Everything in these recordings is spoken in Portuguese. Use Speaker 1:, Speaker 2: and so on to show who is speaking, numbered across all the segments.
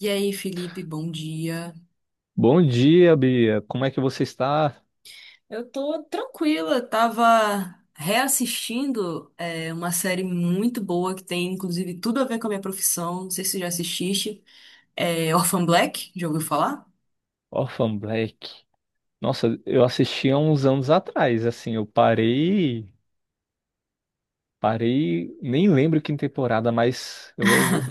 Speaker 1: E aí, Felipe, bom dia.
Speaker 2: Bom dia, Bia. Como é que você está?
Speaker 1: Eu tô tranquila, tava reassistindo uma série muito boa que tem inclusive tudo a ver com a minha profissão. Não sei se você já assististe. É Orphan Black, já ouviu falar?
Speaker 2: Orphan Black. Nossa, eu assisti há uns anos atrás, assim, eu parei, nem lembro que temporada, mas eu, eu-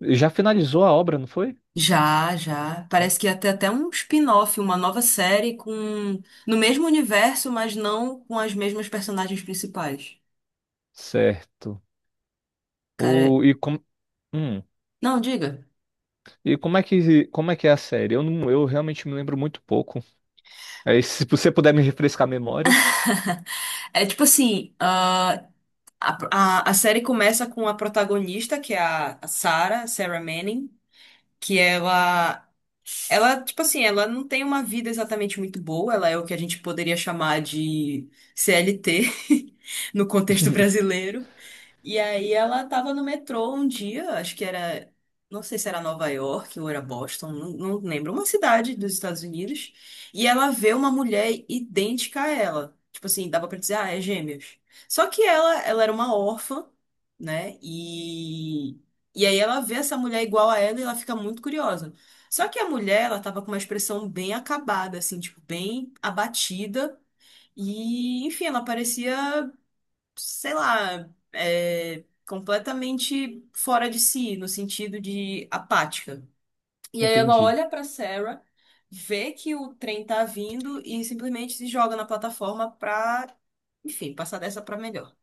Speaker 2: eu- já finalizou a obra, não foi?
Speaker 1: Já, já.
Speaker 2: Já?
Speaker 1: Parece que é até um spin-off, uma nova série com no mesmo universo, mas não com as mesmas personagens principais.
Speaker 2: Certo.
Speaker 1: Cara,
Speaker 2: O, e, com, hum,
Speaker 1: não, diga.
Speaker 2: e como é que é a série? Eu não, eu realmente me lembro muito pouco. Aí, se você puder me refrescar a memória.
Speaker 1: É tipo assim, A, a série começa com a protagonista, que é a Sarah, Sarah Manning, que ela não tem uma vida exatamente muito boa, ela é o que a gente poderia chamar de CLT no contexto brasileiro. E aí ela tava no metrô um dia, não sei se era Nova York ou era Boston, não lembro, uma cidade dos Estados Unidos, e ela vê uma mulher idêntica a ela. Tipo assim, dava pra dizer, ah, é gêmeos. Só que ela era uma órfã, né? E aí ela vê essa mulher igual a ela e ela fica muito curiosa. Só que a mulher, ela tava com uma expressão bem acabada, assim, tipo, bem abatida. E, enfim, ela parecia sei lá, completamente fora de si, no sentido de apática. E aí ela
Speaker 2: Entendi.
Speaker 1: olha pra Sarah, vê que o trem tá vindo e simplesmente se joga na plataforma pra, enfim, passar dessa pra melhor.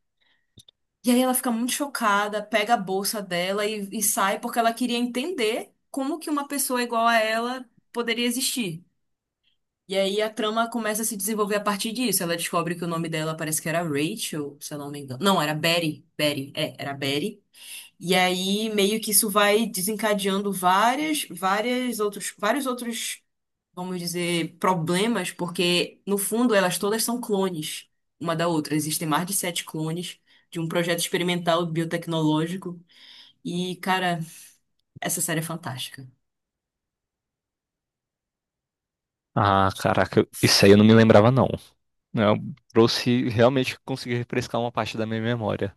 Speaker 1: E aí ela fica muito chocada, pega a bolsa dela e sai porque ela queria entender como que uma pessoa igual a ela poderia existir. E aí a trama começa a se desenvolver a partir disso. Ela descobre que o nome dela parece que era Rachel, se eu não me engano. Não, era Betty. Betty, era Betty. E aí meio que isso vai desencadeando vários outros, vamos dizer, problemas, porque no fundo elas todas são clones uma da outra. Existem mais de sete clones de um projeto experimental biotecnológico. E, cara, essa série é fantástica.
Speaker 2: Ah, caraca, isso aí eu não me lembrava não. Eu trouxe, realmente consegui refrescar uma parte da minha memória.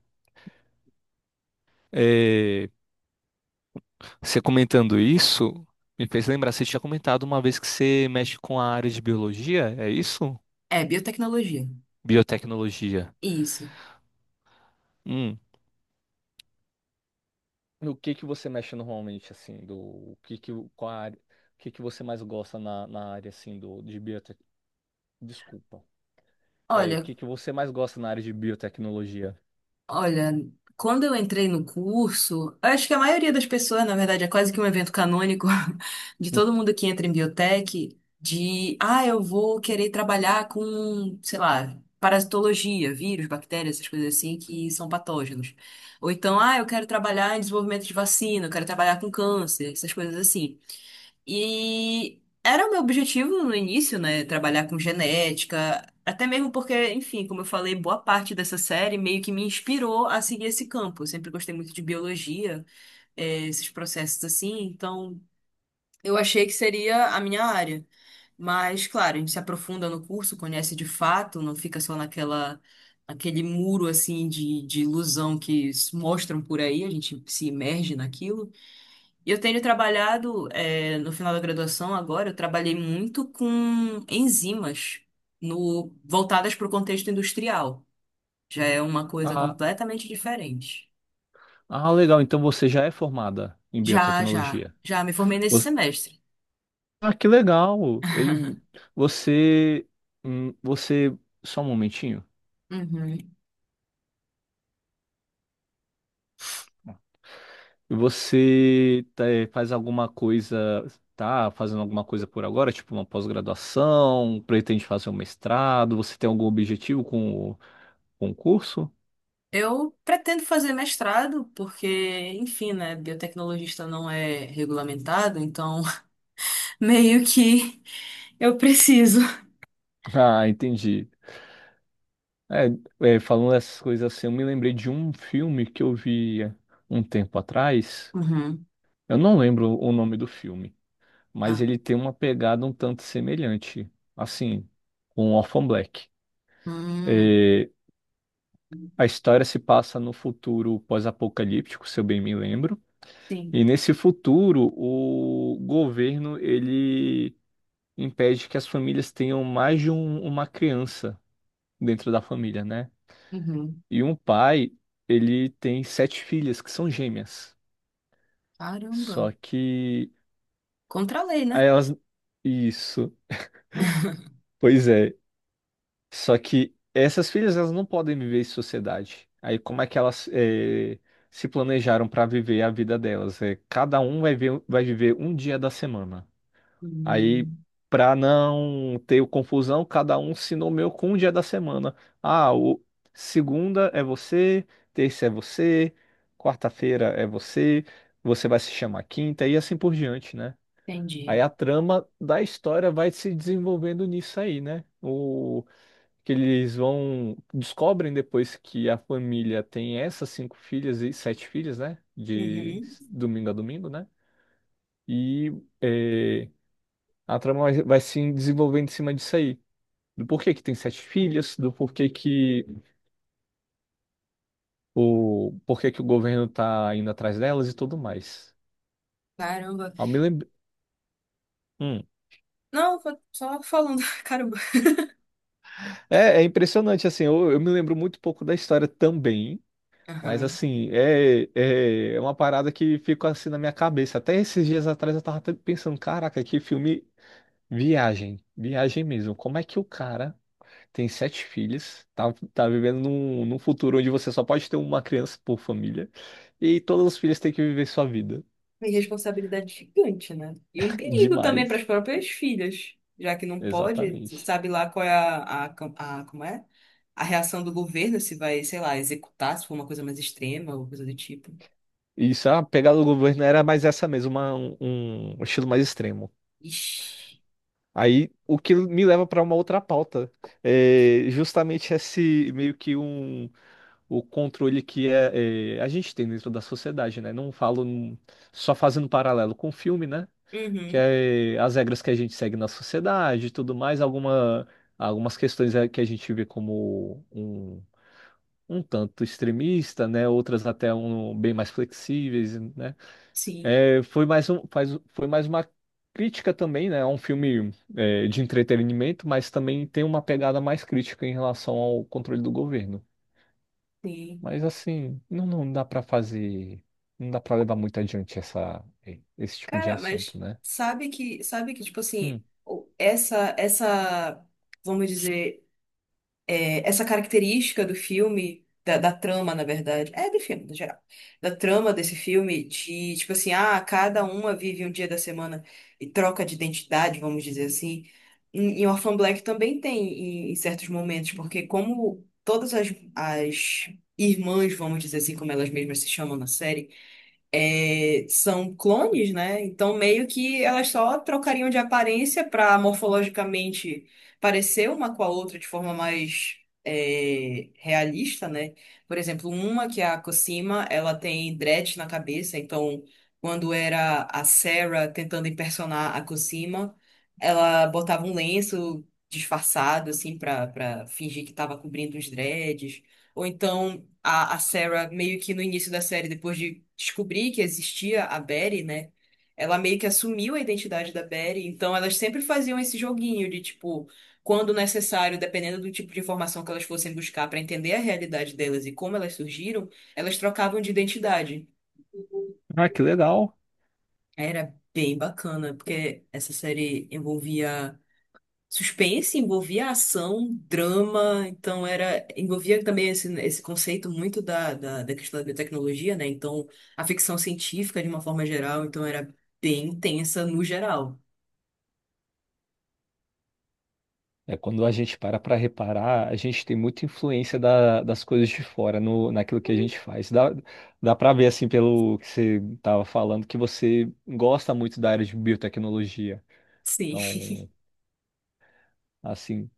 Speaker 2: É, você comentando isso me fez lembrar, você tinha comentado uma vez que você mexe com a área de biologia, é isso?
Speaker 1: É, biotecnologia.
Speaker 2: Biotecnologia.
Speaker 1: Isso.
Speaker 2: Hum. O que que você mexe normalmente, assim, do o que que o- qual a área, o que que você mais gosta na área, assim, do de biotec... Desculpa. É, o
Speaker 1: Olha,
Speaker 2: que que você mais gosta na área de biotecnologia?
Speaker 1: Olha, quando eu entrei no curso, acho que a maioria das pessoas, na verdade, é quase que um evento canônico de
Speaker 2: Hum.
Speaker 1: todo mundo que entra em biotech, de, ah, eu vou querer trabalhar com, sei lá, parasitologia, vírus, bactérias, essas coisas assim que são patógenos. Ou então, ah, eu quero trabalhar em desenvolvimento de vacina, eu quero trabalhar com câncer, essas coisas assim. E era o meu objetivo no início, né? Trabalhar com genética, até mesmo porque, enfim, como eu falei, boa parte dessa série meio que me inspirou a seguir esse campo. Eu sempre gostei muito de biologia, esses processos assim, então eu achei que seria a minha área. Mas, claro, a gente se aprofunda no curso, conhece de fato, não fica só naquela. Aquele muro assim de ilusão que s- mostram por aí, a gente se imerge naquilo. E eu tenho trabalhado, no final da graduação agora, eu trabalhei muito com enzimas no, voltadas para o contexto industrial. Já é uma coisa
Speaker 2: Ah,
Speaker 1: completamente diferente.
Speaker 2: ah, legal. Então você já é formada em
Speaker 1: Já, já,
Speaker 2: biotecnologia.
Speaker 1: já me formei nesse
Speaker 2: Você-
Speaker 1: semestre.
Speaker 2: Ah, que legal. E você, você, só um momentinho.
Speaker 1: Uhum.
Speaker 2: E você tá, faz alguma coisa, tá fazendo alguma coisa por agora, tipo uma pós-graduação, pretende fazer um mestrado, você tem algum objetivo com o concurso?
Speaker 1: Eu pretendo fazer mestrado, porque, enfim, né, biotecnologista não é regulamentado, então meio que eu preciso.
Speaker 2: Ah, entendi. É, é, falando essas coisas assim, eu me lembrei de um filme que eu vi um tempo atrás.
Speaker 1: Uhum.
Speaker 2: Eu não lembro o nome do filme, mas
Speaker 1: Ah.
Speaker 2: ele tem uma pegada um tanto semelhante, assim, com Orphan Black.
Speaker 1: Hum.
Speaker 2: É, a história se passa no futuro pós-apocalíptico, se eu bem me lembro.
Speaker 1: Sim.
Speaker 2: E nesse futuro, o governo ele impede que as famílias tenham uma criança dentro da família, né?
Speaker 1: Uhum.
Speaker 2: E um pai, ele tem sete filhas que são gêmeas.
Speaker 1: Caramba.
Speaker 2: Só que
Speaker 1: Contra a lei, né?
Speaker 2: aí elas isso, pois é. Só que essas filhas elas não podem viver em sociedade. Aí como é que elas se planejaram para viver a vida delas? É, cada um vai viver um dia da semana. Aí,
Speaker 1: Hum,
Speaker 2: para não ter o confusão, cada um se nomeou com um dia da semana. Ah, o segunda é você, terça é você, quarta-feira é você, você vai se chamar quinta e assim por diante, né? Aí
Speaker 1: entendi.
Speaker 2: a trama da história vai se desenvolvendo nisso aí, né? O que eles vão descobrem depois que a família tem essas cinco filhas e sete filhas, né? De
Speaker 1: Uhum.
Speaker 2: domingo a domingo, né? E eh, a trama vai se desenvolvendo em cima disso aí. Do porquê que tem sete filhas, do porquê que o governo tá indo atrás delas e tudo mais.
Speaker 1: Caramba.
Speaker 2: Eu me lembro... Hum.
Speaker 1: Não, só falando, caramba.
Speaker 2: É, é impressionante, assim, eu me lembro muito pouco da história também, mas
Speaker 1: Aham.
Speaker 2: assim, é uma parada que fica assim na minha cabeça. Até esses dias atrás eu tava até pensando, caraca, que filme viagem, mesmo. Como é que o cara tem sete filhos, tá vivendo num futuro onde você só pode ter uma criança por família e todos os filhos têm que viver sua vida.
Speaker 1: Uma responsabilidade gigante, né? E um perigo também para as
Speaker 2: Demais,
Speaker 1: próprias filhas, já que não pode,
Speaker 2: exatamente.
Speaker 1: sabe lá qual é como é? A reação do governo, se vai, sei lá, executar, se for uma coisa mais extrema ou coisa do tipo.
Speaker 2: Isso, a pegada do governo era mais essa mesmo, um estilo mais extremo.
Speaker 1: Ixi.
Speaker 2: Aí, o que me leva para uma outra pauta, é justamente esse meio que um o controle que a gente tem dentro da sociedade, né? Não falo num- só fazendo paralelo com o filme, né? Que
Speaker 1: Uhum.
Speaker 2: é as regras que a gente segue na sociedade e tudo mais, algumas questões é que a gente vê como um tanto extremista, né? Outras até um, bem mais flexíveis, né?
Speaker 1: Sim.
Speaker 2: É, foi mais uma crítica também, né? É um filme de entretenimento, mas também tem uma pegada mais crítica em relação ao controle do governo.
Speaker 1: Sim.
Speaker 2: Mas assim, não dá para levar muito adiante esse tipo de
Speaker 1: Cara, mas
Speaker 2: assunto, né?
Speaker 1: sabe que, tipo assim,
Speaker 2: Hum.
Speaker 1: o- essa, vamos dizer. É, essa característica do filme, da trama, na verdade, é do filme, no geral, da trama desse filme, de tipo assim, ah, cada uma vive um dia da semana e troca de identidade, vamos dizer assim. Em Orphan Black também tem em certos momentos, porque como todas as, as irmãs, vamos dizer assim, como elas mesmas se chamam na série, são clones, né? Então, meio que elas só trocariam de aparência para morfologicamente parecer uma com a outra de forma mais realista, né? Por exemplo, uma que é a Cosima, ela tem dread na cabeça, então, quando era a Sarah tentando impersonar a Cosima, ela botava um lenço disfarçado, assim, para fingir que estava cobrindo os dreads. Ou então a Sarah, meio que no início da série, depois de descobrir que existia a Betty, né? Ela meio que assumiu a identidade da Betty, então elas sempre faziam esse joguinho de tipo, quando necessário, dependendo do tipo de informação que elas fossem buscar para entender a realidade delas e como elas surgiram, elas trocavam de identidade.
Speaker 2: Ah, que legal.
Speaker 1: Era bem bacana, porque essa série envolvia. Suspense envolvia ação, drama, então era envolvia também esse conceito muito da questão da biotecnologia, né? Então, a ficção científica de uma forma geral, então era bem intensa no geral.
Speaker 2: É, quando a gente para para reparar, a gente tem muita influência das coisas de fora no, naquilo que a gente faz. Dá para ver, assim, pelo que você estava falando, que você gosta muito da área de biotecnologia.
Speaker 1: Sim,
Speaker 2: Então, assim,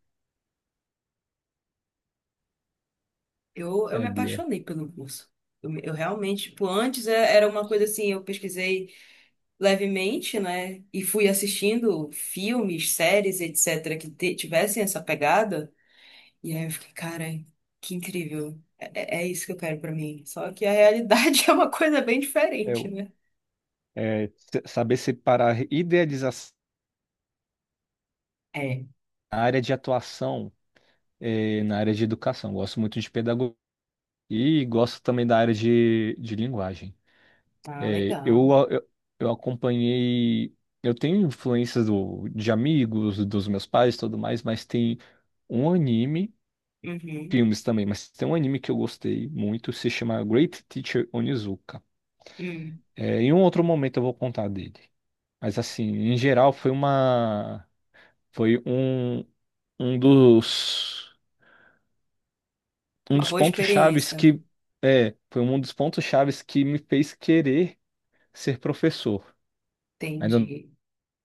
Speaker 1: eu
Speaker 2: é,
Speaker 1: me
Speaker 2: Bia,
Speaker 1: apaixonei pelo curso. Eu realmente, tipo, antes era uma coisa assim, eu pesquisei levemente, né? E fui assistindo filmes, séries, etc., que tivessem essa pegada. E aí eu fiquei, cara, que incrível. É isso que eu quero pra mim. Só que a realidade é uma coisa bem diferente,
Speaker 2: eu,
Speaker 1: né?
Speaker 2: é, se- saber separar idealização
Speaker 1: É,
Speaker 2: na área de atuação é, na área de educação. Gosto muito de pedagogia e gosto também da área de linguagem.
Speaker 1: tá
Speaker 2: É, eu,
Speaker 1: legal.
Speaker 2: a- eu, eu acompanhei. Eu tenho influências de amigos, dos meus pais e tudo mais, mas tem um anime,
Speaker 1: Uhum.
Speaker 2: filmes também, mas tem um anime que eu gostei muito, se chama Great Teacher Onizuka.
Speaker 1: Hum.
Speaker 2: É, em um outro momento eu vou contar dele. Mas assim, em geral foi uma. Foi um, um dos. Um
Speaker 1: Uma
Speaker 2: dos
Speaker 1: boa
Speaker 2: pontos chaves
Speaker 1: experiência, né?
Speaker 2: que. É, foi um dos pontos chaves que me fez querer ser professor. Ainda
Speaker 1: Entendi.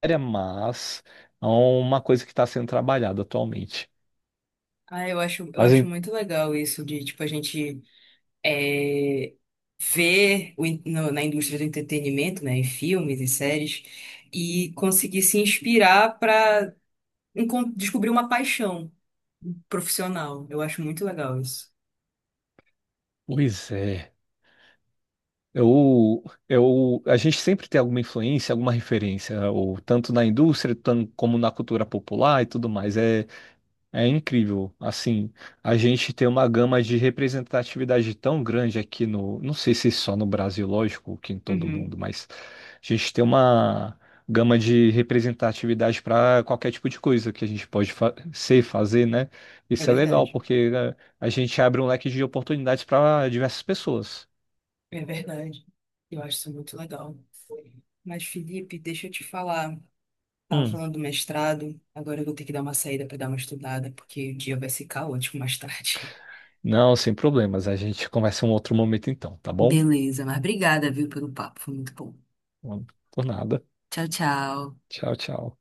Speaker 2: área, mas é uma coisa que está sendo trabalhada atualmente.
Speaker 1: Ah, eu
Speaker 2: Mas,
Speaker 1: acho
Speaker 2: em-
Speaker 1: muito legal isso de, tipo, a gente é, ver o in- no- na indústria do entretenimento, né, em filmes e séries, e conseguir se inspirar para descobrir uma paixão profissional. Eu acho muito legal isso.
Speaker 2: pois é, eu, a gente sempre tem alguma influência, alguma referência, ou tanto na indústria, como na cultura popular e tudo mais. É incrível, assim, a gente tem uma gama de representatividade tão grande aqui no, não sei se só no Brasil, lógico, que em todo mundo,
Speaker 1: Uhum.
Speaker 2: mas a gente tem uma gama de representatividade para qualquer tipo de coisa que a gente pode fazer, né?
Speaker 1: É
Speaker 2: Isso é legal,
Speaker 1: verdade.
Speaker 2: porque né, a gente abre um leque de oportunidades para diversas pessoas.
Speaker 1: É verdade. Eu acho isso muito legal. Mas, Felipe, deixa eu te falar. Tava
Speaker 2: Hum.
Speaker 1: falando do mestrado, agora eu vou ter que dar uma saída para dar uma estudada, porque o dia vai ser caótico mais tarde.
Speaker 2: Não, sem problemas, a gente conversa em um outro momento então, tá bom?
Speaker 1: Beleza, mas obrigada, viu, pelo papo. Foi muito bom.
Speaker 2: Por nada.
Speaker 1: Tchau, tchau.
Speaker 2: Tchau, tchau.